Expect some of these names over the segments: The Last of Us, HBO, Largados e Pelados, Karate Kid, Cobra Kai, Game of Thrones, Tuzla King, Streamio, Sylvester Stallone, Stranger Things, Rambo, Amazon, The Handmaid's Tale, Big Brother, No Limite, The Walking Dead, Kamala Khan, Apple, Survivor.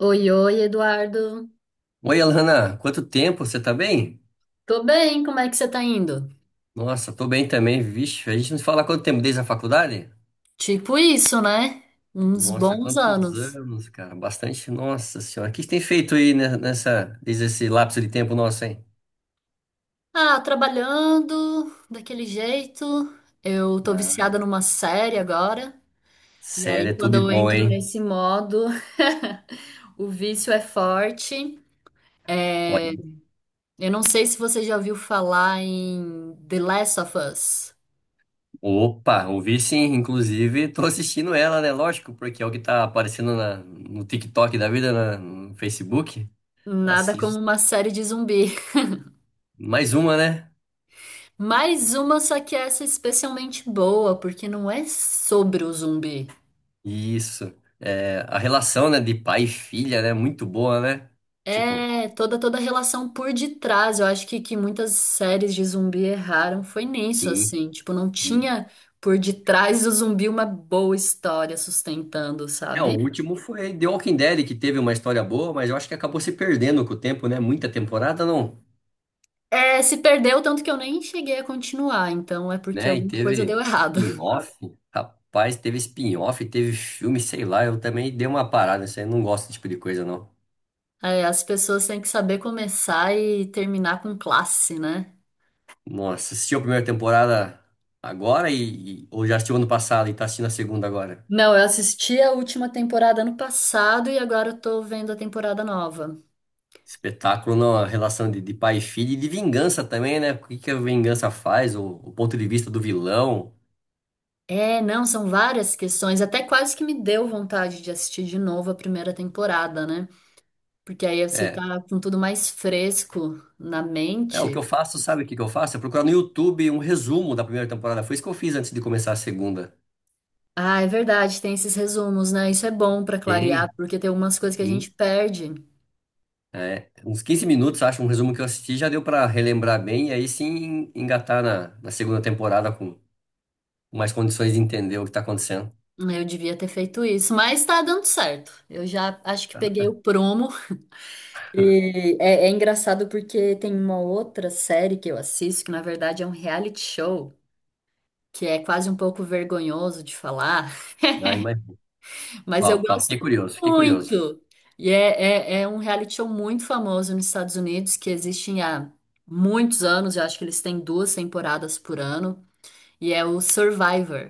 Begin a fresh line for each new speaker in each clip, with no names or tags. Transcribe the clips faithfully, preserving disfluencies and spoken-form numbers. Oi, oi, Eduardo.
Oi, Alana, quanto tempo? Você tá bem?
Tô bem, como é que você tá indo?
Nossa, tô bem também, vixe. A gente não se fala há quanto tempo desde a faculdade?
Tipo isso, né? Uns
Nossa,
bons
quantos
anos.
anos, cara? Bastante. Nossa senhora, o que você tem feito aí ne- nessa, desde esse lapso de tempo nosso, hein?
Ah, trabalhando daquele jeito. Eu tô viciada
Ah,
numa série agora. E aí,
sério, é tudo
quando
de
eu
bom,
entro
hein?
nesse modo, o vício é forte. É,
Olha,
eu não sei se você já ouviu falar em The Last of Us.
opa, ouvi sim, inclusive tô assistindo ela, né? Lógico, porque é o que tá aparecendo na- no TikTok da vida, na- no Facebook.
Nada como
Assisto.
uma série de zumbi.
Mais uma, né?
Mais uma, só que essa é especialmente boa, porque não é sobre o zumbi.
Isso. É, a relação, né, de pai e filha, né, muito boa, né? Tipo,
É toda toda a relação por detrás. Eu acho que, que muitas séries de zumbi erraram foi nisso,
sim.
assim. Tipo, não
E-
tinha por detrás do zumbi uma boa história sustentando,
É, o
sabe?
último foi The Walking Dead, que teve uma história boa, mas eu acho que acabou se perdendo com o tempo, né? Muita temporada, não.
É, se perdeu tanto que eu nem cheguei a continuar, então é porque
Né? E
alguma coisa deu
teve
errado.
spin-off. Rapaz, teve spin-off, teve filme, sei lá. Eu também dei uma parada, isso aí. Eu Não gosto desse tipo de coisa, não.
É, as pessoas têm que saber começar e terminar com classe, né?
Nossa, assistiu a primeira temporada agora e, e- ou já assistiu ano passado e tá assistindo a segunda agora?
Não, eu assisti a última temporada ano passado e agora eu tô vendo a temporada nova.
Espetáculo, não, a relação de, de pai e filho e de vingança também, né? O que que a vingança faz, o, o ponto de vista do vilão.
É, não, são várias questões, até quase que me deu vontade de assistir de novo a primeira temporada, né? Porque aí você
É,
tá com tudo mais fresco na
é, o que eu
mente.
faço, sabe o que que eu faço? É procurar no YouTube um resumo da primeira temporada. Foi isso que eu fiz antes de começar a segunda.
Ah, é verdade, tem esses resumos, né? Isso é bom pra clarear,
Tem,
porque tem algumas coisas que a
sim.
gente perde.
É, uns quinze minutos, acho, um resumo que eu assisti já deu pra relembrar bem e aí sim engatar na, na segunda temporada com mais condições de entender o que tá acontecendo.
Eu devia ter feito isso, mas tá dando certo. Eu já acho que peguei o prumo. E é, é engraçado porque tem uma outra série que eu assisto, que na verdade é um reality show, que é quase um pouco vergonhoso de falar,
Ai, mas,
mas eu
uau, uau,
gosto
fiquei curioso, fiquei curioso.
muito. E é, é, é um reality show muito famoso nos Estados Unidos, que existe há muitos anos, eu acho que eles têm duas temporadas por ano, e é o Survivor.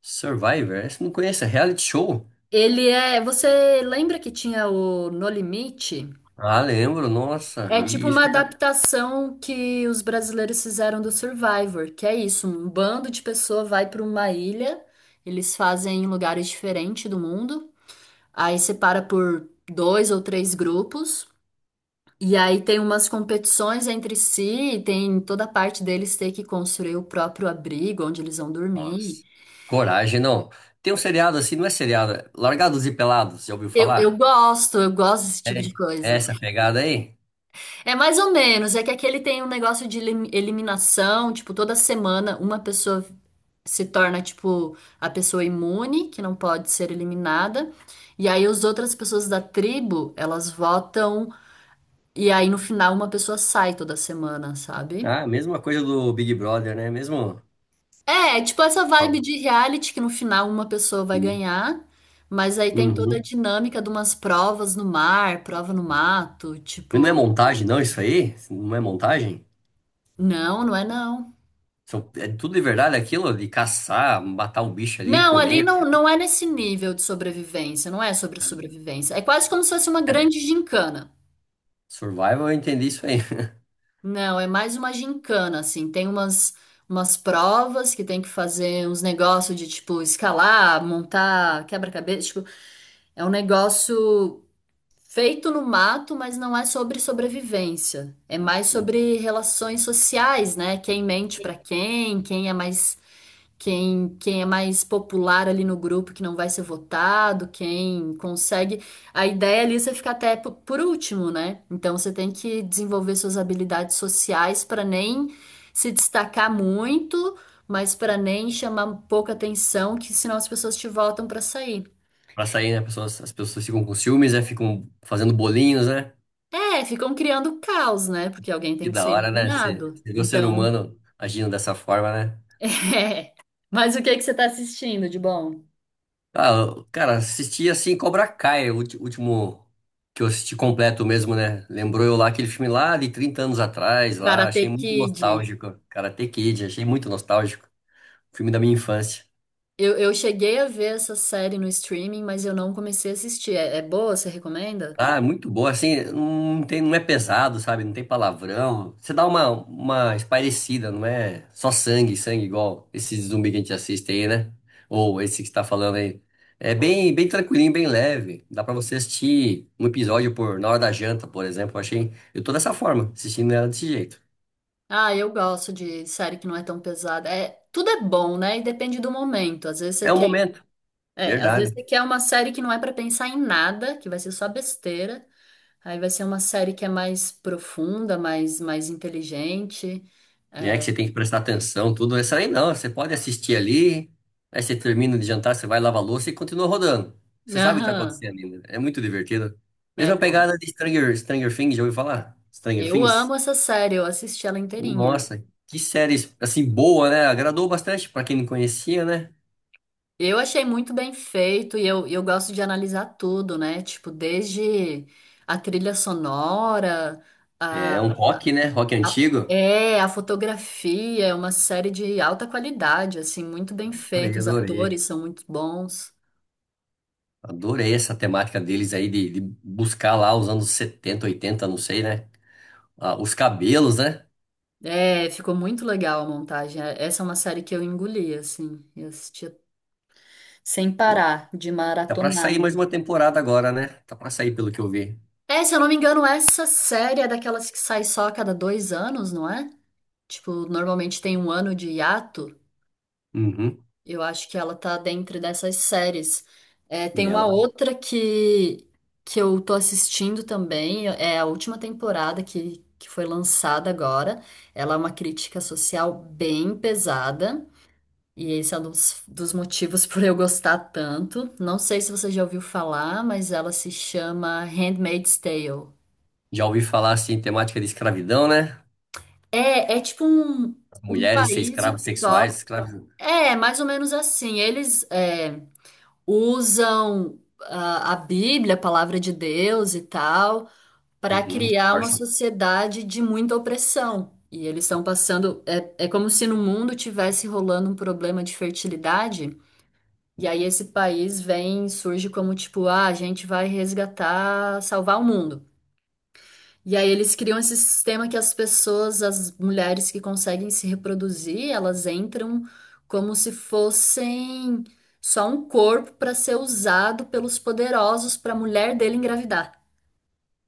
Survivor? Esse eu não conheço, é reality show?
Ele é. Você lembra que tinha o No Limite?
Ah, lembro, nossa,
É tipo
e isso
uma
que é
adaptação que os brasileiros fizeram do Survivor, que é isso, um bando de pessoas vai para uma ilha, eles fazem em lugares diferentes do mundo, aí separa por dois ou três grupos, e aí tem umas competições entre si, e tem toda a parte deles ter que construir o próprio abrigo onde eles vão dormir.
nossa. Coragem, não. Tem um seriado assim, não é seriado, é Largados e Pelados, já ouviu
Eu, eu
falar?
gosto, eu gosto desse
É,
tipo de
é
coisa.
essa pegada aí?
É mais ou menos, é que aqui ele tem um negócio de elim- eliminação, tipo, toda semana uma pessoa se torna, tipo, a pessoa imune, que não pode ser eliminada, e aí as outras pessoas da tribo, elas votam, e aí no final uma pessoa sai toda semana, sabe?
Ah, mesma coisa do Big Brother, né? Mesmo.
É, é tipo essa vibe de reality que no final uma pessoa vai
Sim.
ganhar, mas aí tem toda a
Uhum.
dinâmica de umas provas no mar, prova no mato,
Mas não é
tipo,
montagem, não, isso aí? Não é montagem?
não, não é não.
São- É tudo de verdade aquilo de caçar, matar o bicho ali,
Não, ali
comer.
não, não é nesse nível de sobrevivência, não é sobre sobrevivência. É quase como se fosse uma
É,
grande gincana.
Survival, eu entendi isso aí.
Não, é mais uma gincana, assim. Tem umas, umas provas que tem que fazer uns negócios de, tipo, escalar, montar quebra-cabeça. Tipo, é um negócio feito no mato, mas não é sobre sobrevivência. É mais sobre relações sociais, né? Quem mente pra quem, quem é mais quem, quem é mais popular ali no grupo que não vai ser votado, quem consegue. A ideia ali é você ficar até po- por último, né? Então você tem que desenvolver suas habilidades sociais para nem se destacar muito, mas para nem chamar pouca atenção, que senão as pessoas te votam para sair.
Pra sair, né? Pessoas, as pessoas ficam com ciúmes, né? Ficam fazendo bolinhos, né?
É, ficam criando caos, né? Porque alguém tem
Que
que
da
ser
hora, né? Você
eliminado.
você vê o ser
Então,
humano agindo dessa forma, né?
é. Mas o que que você tá assistindo de bom?
Ah, eu- cara, assisti assim Cobra Kai, o ulti- último que eu assisti completo mesmo, né? Lembrou eu lá aquele filme lá de trinta anos atrás, lá, achei
Karate
muito
Kid.
nostálgico. Karate Kid, achei muito nostálgico. Filme da minha infância.
Eu, eu cheguei a ver essa série no streaming, mas eu não comecei a assistir. É, é boa? Você recomenda?
Ah, é muito boa, assim, não tem, não é pesado, sabe? Não tem palavrão. Você dá uma, uma espairecida, não é só sangue, sangue igual esse zumbi que a gente assiste aí, né? Ou esse que você tá falando aí. É bem, bem tranquilinho, bem leve. Dá pra você assistir um episódio por, na hora da janta, por exemplo. Eu achei, eu tô dessa forma, assistindo ela desse jeito.
Ah, eu gosto de série que não é tão pesada. É, tudo é bom, né? E depende do momento. Às vezes você
É um
quer,
momento,
é, às vezes
verdade.
você quer uma série que não é pra pensar em nada, que vai ser só besteira. Aí vai ser uma série que é mais profunda, mais, mais inteligente.
Né? Que você tem que prestar atenção, tudo. Essa aí não, você pode assistir ali, aí você termina de jantar, você vai lavar a louça e continua rodando. Você sabe o que tá
Aham,
acontecendo ainda. É muito divertido.
é
Mesma
bom.
pegada de Stranger, Stranger Things, já ouviu falar? Stranger
Eu
Things?
amo essa série, eu assisti ela inteirinha.
Nossa, que série, assim, boa, né? Agradou bastante pra quem não conhecia, né?
Eu achei muito bem feito e eu, eu gosto de analisar tudo, né? Tipo, desde a trilha sonora,
É
a,
é um rock, né? Rock
a-
antigo.
é, a fotografia, é uma série de alta qualidade, assim, muito bem
Adorei,
feito, os
adorei.
atores são muito bons.
Adorei essa temática deles aí de, de buscar lá os anos setenta, oitenta, não sei, né? Ah, os cabelos, né?
É, ficou muito legal a montagem. É- Essa é uma série que eu engoli, assim, eu assistia sem parar, de
Tá pra
maratonar
sair mais
mesmo.
uma temporada agora, né? Tá pra sair, pelo que eu vi.
É, se eu não me engano, essa série é daquelas que sai só a cada dois anos, não é? Tipo, normalmente tem um ano de hiato.
Uhum.
Eu acho que ela tá dentro dessas séries. É, tem
E
uma
ela
outra que, que eu tô assistindo também, é a última temporada que, que foi lançada agora. Ela é uma crítica social bem pesada, e esse é um dos, dos motivos por eu gostar tanto. Não sei se você já ouviu falar, mas ela se chama Handmaid's Tale.
já ouvi falar assim, temática de escravidão, né?
É, é tipo um,
As
um
mulheres ser
país
escravas sexuais,
utópico.
escravos.
É, mais ou menos assim. Eles. é, usam ah, a Bíblia, a palavra de Deus e tal, para
Uhum.
criar uma
Força.
sociedade de muita opressão. E eles estão passando. É, é como se no mundo tivesse rolando um problema de fertilidade. E aí esse país vem, surge como tipo, ah, a gente vai resgatar, salvar o mundo. E aí eles criam esse sistema que as pessoas, as mulheres que conseguem se reproduzir, elas entram como se fossem só um corpo para ser usado pelos poderosos para a mulher dele engravidar.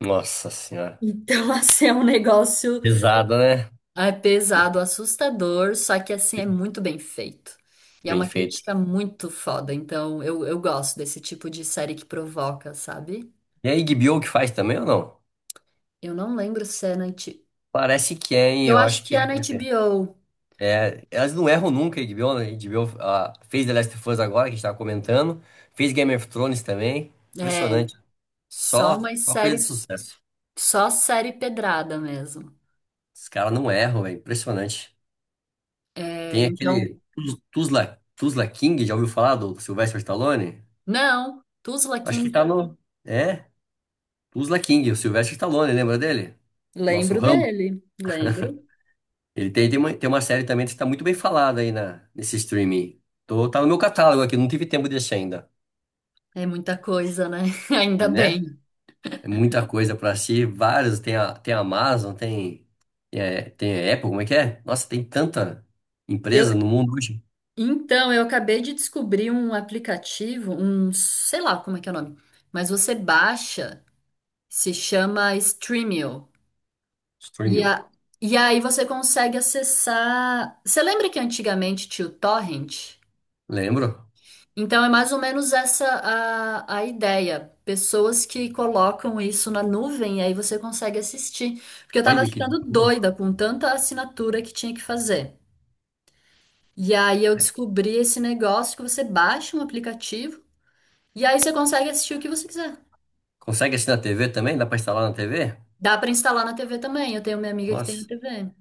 Nossa senhora.
Então, assim, é um negócio.
Pesado, né?
É pesado, assustador, só que assim é muito bem feito. E é
Bem
uma
feito.
crítica muito foda, então eu, eu gosto desse tipo de série que provoca, sabe?
E a Iggy Bill que faz também ou não?
Eu não lembro se é na H B O.
Parece que é, hein?
Eu
Eu
acho
acho
que
que
é
é,
na
porque.
H B O.
É, elas não erram nunca, a H B O, né? A H B O ah, fez The Last of Us agora, que a gente tava comentando. Fez Game of Thrones também. Impressionante.
Só
Só
umas
uma coisa de
séries,
sucesso.
só série pedrada mesmo.
Os caras não erram, velho. Impressionante.
É,
Tem
então,
aquele Tuz- Tuzla, Tuzla King, já ouviu falar do Sylvester Stallone?
não, Tuzla
Acho que
King.
tá no. É, Tuzla King, o Sylvester Stallone, lembra dele? Nosso
Lembro
Rambo.
dele, lembro.
Ele tem, tem uma, tem uma série também que está muito bem falada aí na, nesse streaming. Tô, tá no meu catálogo aqui, não tive tempo de assistir ainda,
É muita coisa, né? Ainda
né?
bem.
É muita coisa pra assistir, vários. Tem a, tem a Amazon, tem, é, tem a Apple, como é que é? Nossa, tem tanta
Eu,
empresa no mundo hoje.
então, eu acabei de descobrir um aplicativo, um, sei lá como é que é o nome, mas você baixa, se chama Streamio. E,
Streaming.
a, e aí você consegue acessar. Você lembra que antigamente tinha o Torrent?
Lembro?
Então é mais ou menos essa a, a ideia. Pessoas que colocam isso na nuvem e aí você consegue assistir. Porque eu tava
Olha que
ficando
boa.
doida com tanta assinatura que tinha que fazer. E aí eu descobri esse negócio que você baixa um aplicativo e aí você consegue assistir o que você quiser.
Consegue assistir na T V também? Dá pra instalar na T V?
Dá pra instalar na T V também. Eu tenho minha amiga que tem na
Nossa,
T V.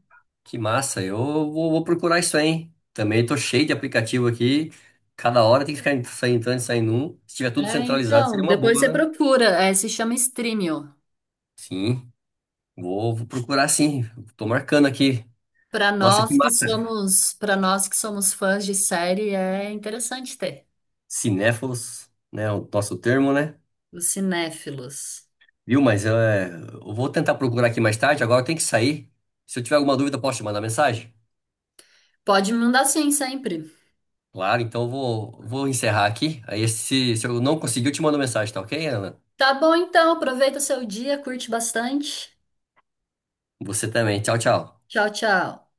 que massa. Eu vou, vou procurar isso aí, hein? Também tô cheio de aplicativo aqui. Cada hora tem que ficar en- sair entrando e saindo um. Se tiver tudo
É,
centralizado, seria
então,
uma
depois você
boa, né?
procura, é, se chama Streamio.
Sim, vou, vou procurar sim. Tô marcando aqui.
Para
Nossa, que
nós que
massa.
somos, para nós que somos fãs de série, é interessante ter.
Cinéfilos, né? O nosso termo, né?
Os cinéfilos.
Viu? Mas é, eu vou tentar procurar aqui mais tarde. Agora eu tenho que sair. Se eu tiver alguma dúvida, posso te mandar mensagem?
Pode me mandar sim sempre.
Claro, então eu vou, vou encerrar aqui. Aí, se, se eu não conseguir, eu te mando mensagem, tá ok, Ana?
Tá bom então, aproveita o seu dia, curte bastante.
Você também. Tchau, tchau.
Tchau, tchau.